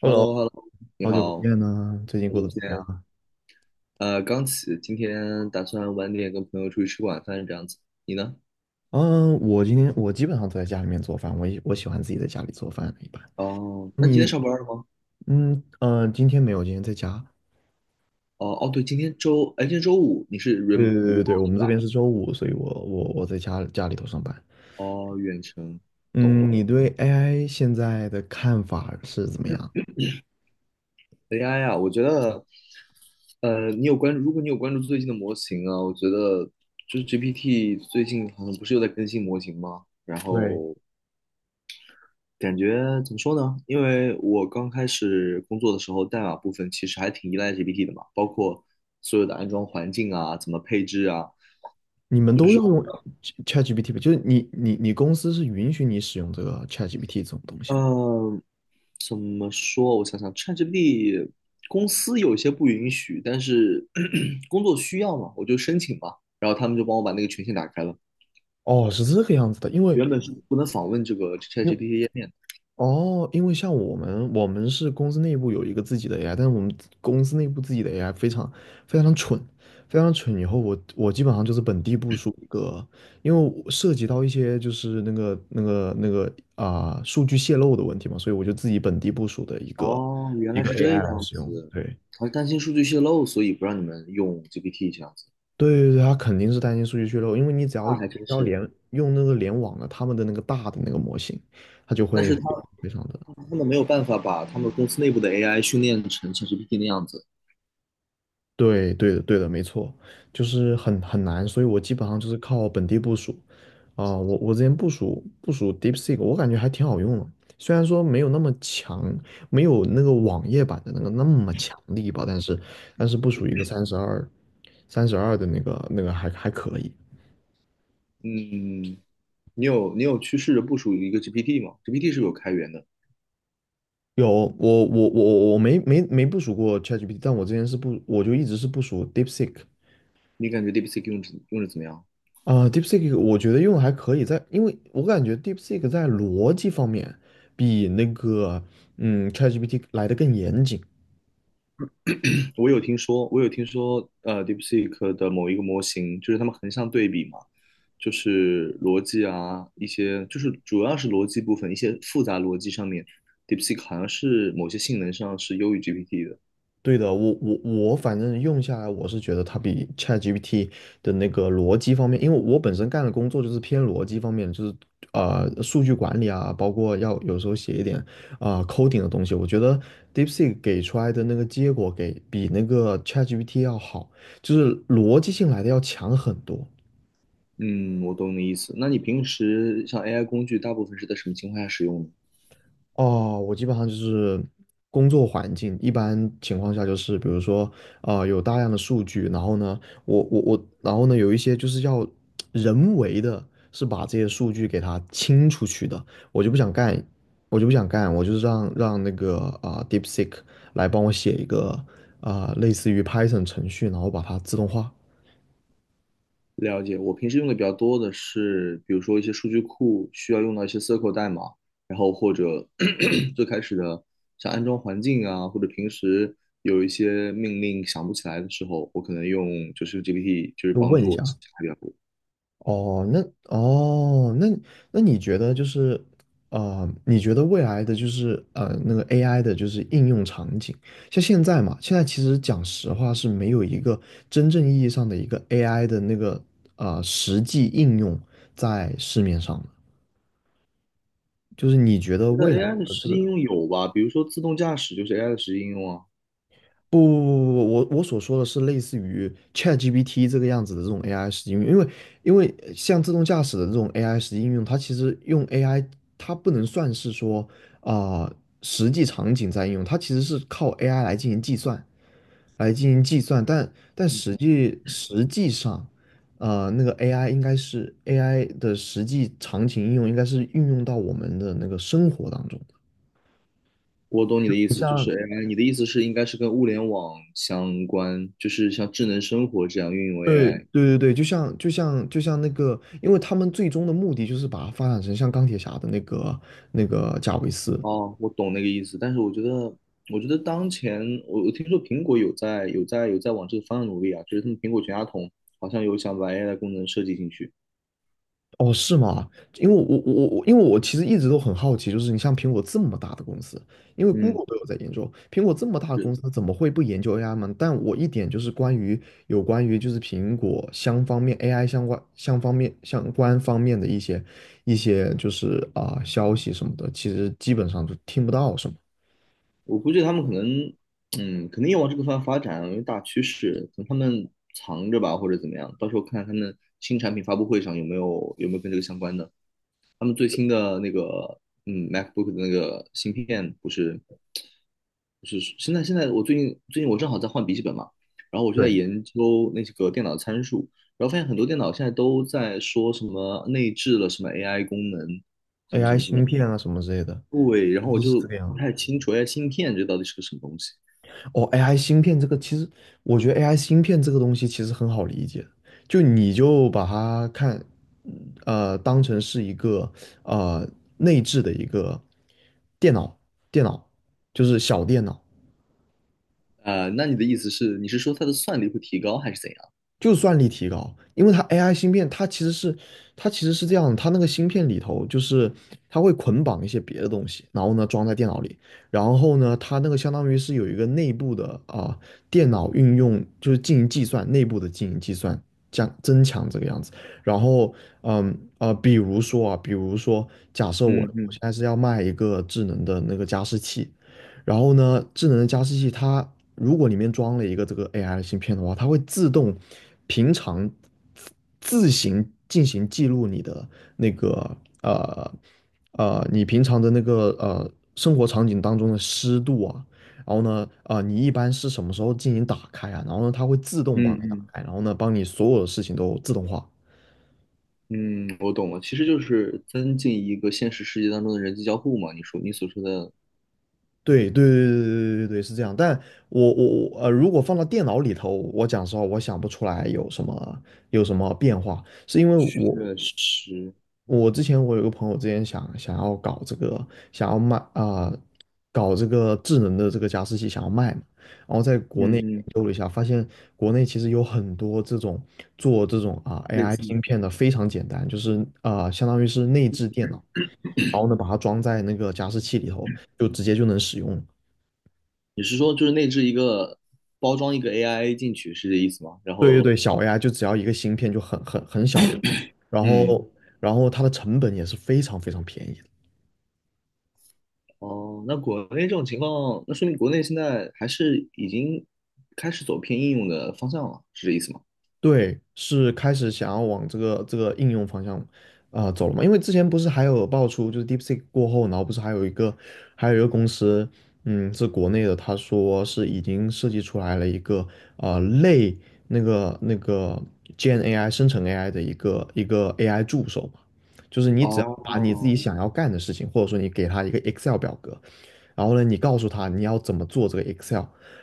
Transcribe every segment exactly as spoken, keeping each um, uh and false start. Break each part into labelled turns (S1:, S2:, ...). S1: h e l l o
S2: Hello，
S1: h e l l o 你
S2: 好久不
S1: 好，好
S2: 见呢，最近过
S1: 久
S2: 得
S1: 不
S2: 怎么
S1: 见。
S2: 样？
S1: 呃，刚起，今天打算晚点跟朋友出去吃晚饭，这样子。你呢？
S2: 嗯，我今天我基本上都在家里面做饭，我也我喜欢自己在家里做饭一般。
S1: 哦，那你今天
S2: 你，
S1: 上班了吗？
S2: 嗯呃，今天没有，今天在家。
S1: 哦哦，对，今天周，哎，今天周五，你是 rem
S2: 对对
S1: r e m o
S2: 对对，我们
S1: t
S2: 这边
S1: 吧？
S2: 是周五，所以我我我在家家里头上班。
S1: 哦，远程，懂
S2: 嗯，
S1: 了。
S2: 你对 A I 现在的看法是怎么样？
S1: A I 啊，我觉得，呃，你有关注，如果你有关注最近的模型啊，我觉得就是 G P T 最近好像不是又在更新模型吗？然
S2: 对，
S1: 后感觉怎么说呢？因为我刚开始工作的时候，代码部分其实还挺依赖 G P T 的嘛，包括所有的安装环境啊，怎么配置啊，
S2: 你们都要用 Ch- ChatGPT 吧？就是你你你公司是允许你使用这个 ChatGPT 这种东西吗？
S1: 嗯，怎么说？我想想，ChatGPT 公司有些不允许，但是 工作需要嘛，我就申请嘛，然后他们就帮我把那个权限打开了。
S2: 哦，是这个样子的，因为
S1: 原本是不能访问这个
S2: 因为
S1: ChatGPT 页面的。
S2: 哦，因为像我们，我们是公司内部有一个自己的 A I，但是我们公司内部自己的 A I 非常非常蠢，非常蠢。以后我我基本上就是本地部署一个，因为我涉及到一些就是那个那个那个啊、数据泄露的问题嘛，所以我就自己本地部署的一个
S1: 哦，原
S2: 一
S1: 来
S2: 个
S1: 是这
S2: A I 来
S1: 样
S2: 使用。
S1: 子，
S2: 对
S1: 好像担心数据泄露，所以不让你们用 G P T 这样子，
S2: 对对对，它肯定是担心数据泄露，因为你只要
S1: 那
S2: 只
S1: 还真
S2: 要
S1: 是。
S2: 连用那个联网的他们的那个大的那个模型，它就
S1: 但
S2: 会
S1: 是它
S2: 非常的。
S1: 他们没有办法把他们公司内部的 AI 训练成像 GPT 那样子。
S2: 对，对的，对的，没错，就是很很难，所以我基本上就是靠本地部署。啊、我我之前部署部署 DeepSeek，我感觉还挺好用的，虽然说没有那么强，没有那个网页版的那个那么强力吧，但是但是部署一个三十二三十二的那个那个还还可以。
S1: 嗯，你有你有去试着部署一个 GPT 吗？G P T 是有开源的，
S2: 有我我我我没没没部署过 ChatGPT，但我之前是不我就一直是部署 DeepSeek。
S1: 你感觉 DeepSeek 用着用着怎么样？
S2: 啊，DeepSeek 我觉得用的还可以在，因为我感觉 DeepSeek 在逻辑方面比那个嗯 ChatGPT 来的更严谨。
S1: 我有听说，我有听说，呃，DeepSeek 的某一个模型，就是他们横向对比嘛，就是逻辑啊，一些就是主要是逻辑部分，一些复杂逻辑上面，DeepSeek 好像是某些性能上是优于 G P T 的。
S2: 对的，我我我反正用下来，我是觉得它比 ChatGPT 的那个逻辑方面，因为我本身干的工作就是偏逻辑方面，就是呃数据管理啊，包括要有时候写一点啊、呃 coding 的东西，我觉得 DeepSeek 给出来的那个结果给比那个 ChatGPT 要好，就是逻辑性来的要强很多。
S1: 嗯，我懂你意思。那你平时像 A I 工具，大部分是在什么情况下使用呢？
S2: 哦，我基本上就是工作环境，一般情况下就是比如说，啊，有大量的数据，然后呢，我我我，然后呢，有一些就是要人为的，是把这些数据给它清出去的，我就不想干，我就不想干，我就是让让那个啊、呃 DeepSeek 来帮我写一个啊、类似于 Python 程序，然后把它自动化，
S1: 了解，我平时用的比较多的是，比如说一些数据库需要用到一些 c S Q L 代码，然后或者 最开始的像安装环境啊，或者平时有一些命令想不起来的时候，我可能用就是 G P T，就是
S2: 就
S1: 帮
S2: 问一
S1: 助我记
S2: 下。
S1: 起来比较多。
S2: 哦，那哦，那那你觉得就是，呃，你觉得未来的就是呃那个 A I 的就是应用场景，像现在嘛，现在其实讲实话是没有一个真正意义上的一个 A I 的那个呃实际应用在市面上的，就是你觉得
S1: 觉得
S2: 未来
S1: A I 的
S2: 的
S1: 实
S2: 这
S1: 际应
S2: 个
S1: 用有吧，比如说自动驾驶就是 A I 的实际应用啊。
S2: 不不不不，不，我我所说的是类似于 ChatGPT 这个样子的这种 A I 实际应用，因为因为呃像自动驾驶的这种 A I 实际应用，它其实用 A I，它不能算是说啊、实际场景在应用，它其实是靠 A I 来进行计算，来进行计算，但但
S1: 嗯，
S2: 实际实际上，呃，那个 A I 应该是 A I 的实际场景应用，应该是运用到我们的那个生活当中。
S1: 我懂你的意
S2: 不
S1: 思，就是
S2: 像
S1: A I，你的意思是应该是跟物联网相关，就是像智能生活这样运用
S2: 对
S1: A I。
S2: 对对对，就像就像就像那个，因为他们最终的目的就是把它发展成像钢铁侠的那个那个贾维斯。
S1: 哦，我懂那个意思，但是我觉得，我觉得当前我我听说苹果有在有在有在往这个方向努力啊，就是他们苹果全家桶好像有想把 A I 的功能设计进去。
S2: 哦，是吗？因为我我我我因为我其实一直都很好奇，就是你像苹果这么大的公司，因为
S1: 嗯，
S2: Google 都有在研究，苹果这么大的
S1: 是
S2: 公司，它怎么会不研究 A I 吗？但我一点就是关于有关于就是苹果相方面 A I 相关相方面相关方面的一些一些就是啊、消息什么的，其实基本上就听不到什么。
S1: 我估计他们可能，嗯，肯定要往这个方向发展啊，因为大趋势，等他们藏着吧，或者怎么样，到时候看看他们新产品发布会上有没有有没有跟这个相关的。他们最新的那个嗯 MacBook 的那个芯片不是不是现在现在我最近最近我正好在换笔记本嘛，然后我就在
S2: 对。
S1: 研究那几个电脑参数，然后发现很多电脑现在都在说什么内置了什么 A I 功能，什么什
S2: A I
S1: 么什
S2: 芯
S1: 么，
S2: 片啊什么之类的，
S1: 对，然后我
S2: 就是这
S1: 就
S2: 个
S1: 不
S2: 样。
S1: 太清楚 A I 芯片这到底是个什么东西。
S2: 哦，A I 芯片这个其实，我觉得 A I 芯片这个东西其实很好理解，就你就把它看，呃，当成是一个呃内置的一个电脑，电脑，就是小电脑，
S1: 啊、那你的意思是，你是说它的算力会提高还是怎样？
S2: 就算力提高，因为它 A I 芯片，它其实是它其实是这样的它那个芯片里头就是它会捆绑一些别的东西，然后呢装在电脑里，然后呢它那个相当于是有一个内部的啊、电脑运用就是进行计算，内部的进行计算降增强这个样子。然后嗯啊、比如说啊，比如说假设我
S1: 嗯
S2: 我现
S1: 嗯
S2: 在是要卖一个智能的那个加湿器，然后呢，智能的加湿器它如果里面装了一个这个 A I 的芯片的话，它会自动平常自行进行记录你的那个呃呃你平常的那个呃生活场景当中的湿度啊，然后呢啊、呃你一般是什么时候进行打开啊？然后呢它会自动帮
S1: 嗯
S2: 你打
S1: 嗯
S2: 开，然后呢帮你所有的事情都自动化。
S1: 嗯，我懂了，其实就是增进一个现实世界当中的人机交互嘛。你说你所说的
S2: 对对对对对对对，是这样。但我我我呃，如果放到电脑里头，我讲实话，我想不出来有什么有什么变化，是因为
S1: 确
S2: 我
S1: 实，
S2: 我之前我有个朋友之前想想要搞这个，想要卖啊、呃搞这个智能的这个加湿器想要卖嘛，然后在国
S1: 嗯
S2: 内研
S1: 嗯，
S2: 究了一下，发现国内其实有很多这种做这种啊、
S1: 类
S2: A I
S1: 似
S2: 芯
S1: 于
S2: 片的非常简单，就是啊、呃相当于是内置电脑，然后呢把它装在那个加湿器里头，就直接就能使用了
S1: 你是说就是内置一个包装一个 A I 进去是这意思吗？然
S2: 对对
S1: 后，
S2: 对，小 A I 就只要一个芯片就很很很小的，然
S1: 嗯，
S2: 后然后它的成本也是非常非常便宜
S1: 哦，那国内这种情况，那说明国内现在还是已经开始走偏应用的方向了，是这意思吗？
S2: 对，是开始想要往这个这个应用方向啊、呃走了嘛？因为之前不是还有爆出，就是 DeepSeek 过后，然后不是还有一个还有一个公司，嗯，是国内的，他说是已经设计出来了一个呃类那个那个 g n A I 生成 A I 的一个一个 A I 助手嘛，就是你只要把你自己
S1: 哦，
S2: 想要干的事情，或者说你给他一个 Excel 表格，然后呢，你告诉他你要怎么做这个 Excel，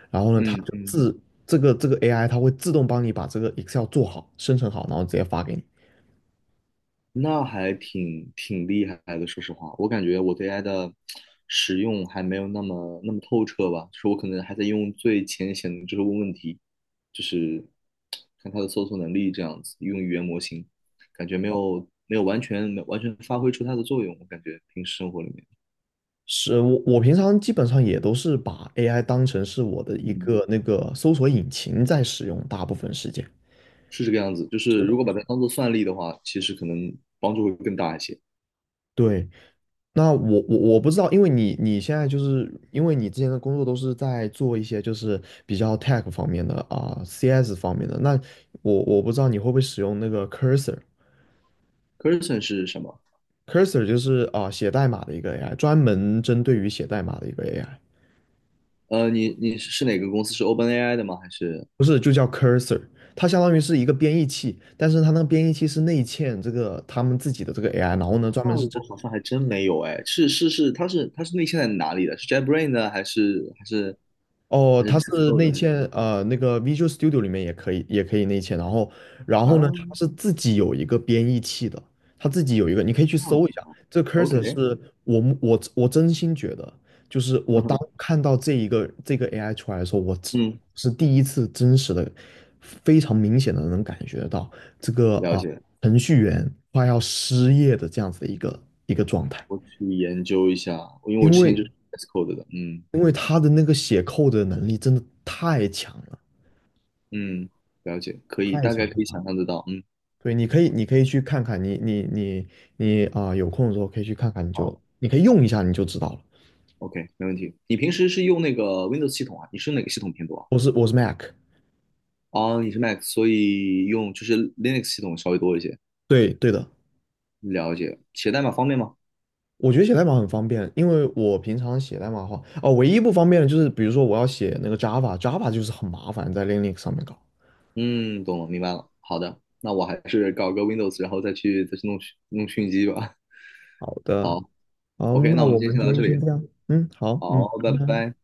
S2: 然后呢，它
S1: 嗯
S2: 就
S1: 嗯，
S2: 自这个这个 A I 它会自动帮你把这个 Excel 做好、生成好，然后直接发给你。
S1: 那还挺挺厉害的，说实话，我感觉我对 A I 的使用还没有那么那么透彻吧，就是我可能还在用最浅显的，就是问问题，就是看它的搜索能力这样子，用语言模型，感觉没有没有完全没有完全发挥出它的作用，我感觉平时生活里面，
S2: 是我我平常基本上也都是把 A I 当成是我的一
S1: 嗯，
S2: 个那个搜索引擎在使用，大部分时间。
S1: 是这个样子，就
S2: 是
S1: 是如
S2: 的。
S1: 果把它当做算力的话，其实可能帮助会更大一些。
S2: 对，那我我我不知道，因为你你现在就是因为你之前的工作都是在做一些就是比较 tech 方面的啊、C S 方面的，那我我不知道你会不会使用那个 Cursor，Cursor
S1: c u r s o n 是什么？
S2: 就是啊、写代码的一个 A I，专门针对于写代码的一个 A I。
S1: 呃，你你是是哪个公司？是 OpenAI 的吗？还是？
S2: 不是，就叫 cursor，它相当于是一个编译器，但是它那个编译器是内嵌这个他们自己的这个 A I，然后呢，专门
S1: 那
S2: 是针
S1: 我好像还真没有哎，是是是，他是他是内嵌在哪里的？是 JetBrains 呢，还是还是
S2: 哦，
S1: 还是
S2: 它
S1: v s
S2: 是
S1: c o d
S2: 内
S1: 的？还是
S2: 嵌，呃，那个 Visual Studio 里面也可以，也可以内嵌。然后，然后呢，它
S1: 啊，
S2: 是自己有一个编译器的，它自己有一个，你可以去
S1: 这样子
S2: 搜一下。这个
S1: ，OK，
S2: Cursor 是我目我我真心觉得，就是我
S1: 嗯
S2: 当
S1: 哼，
S2: 看到这一个这个 A I 出来的时候，我只
S1: 嗯，
S2: 是第一次真实的、非常明显的能感觉到这个
S1: 了
S2: 啊、
S1: 解，
S2: 程序员快要失业的这样子的一个一个状态，
S1: 我去研究一下，因为我
S2: 因
S1: 之前
S2: 为
S1: 就是 v s c o d e 的，嗯
S2: 因为他的那个写扣的能力真的太强了。
S1: 嗯，了解，可以，
S2: 太
S1: 大
S2: 强
S1: 概可
S2: 了
S1: 以
S2: 吧。
S1: 想象得到，嗯，
S2: 对，你可以，你可以去看看，你你你你啊、有空的时候可以去看看，你
S1: 好
S2: 就你可以用一下，你就知道了。
S1: ，OK，没问题。你平时是用那个 Windows 系统啊？你是哪个系统偏多啊？
S2: 我是我是 Mac，
S1: 哦，你是 Mac，所以用就是 Linux 系统稍微多一些，
S2: 对对的，
S1: 了解。写代码方便吗？
S2: 我觉得写代码很方便，因为我平常写代码的话，哦，唯一不方便的就是比如说我要写那个 Java，Java 就是很麻烦，在 Linux 上面搞。
S1: 嗯，懂了，明白了。好的，那我还是搞个 Windows，然后再去再去弄弄讯机吧。
S2: 好的，
S1: 好
S2: 好，
S1: ，OK，
S2: 那
S1: 那我们
S2: 我
S1: 今天
S2: 们
S1: 先
S2: 今
S1: 聊到这
S2: 天先
S1: 里。
S2: 这样，嗯，好，嗯，
S1: 好，拜
S2: 拜拜。
S1: 拜。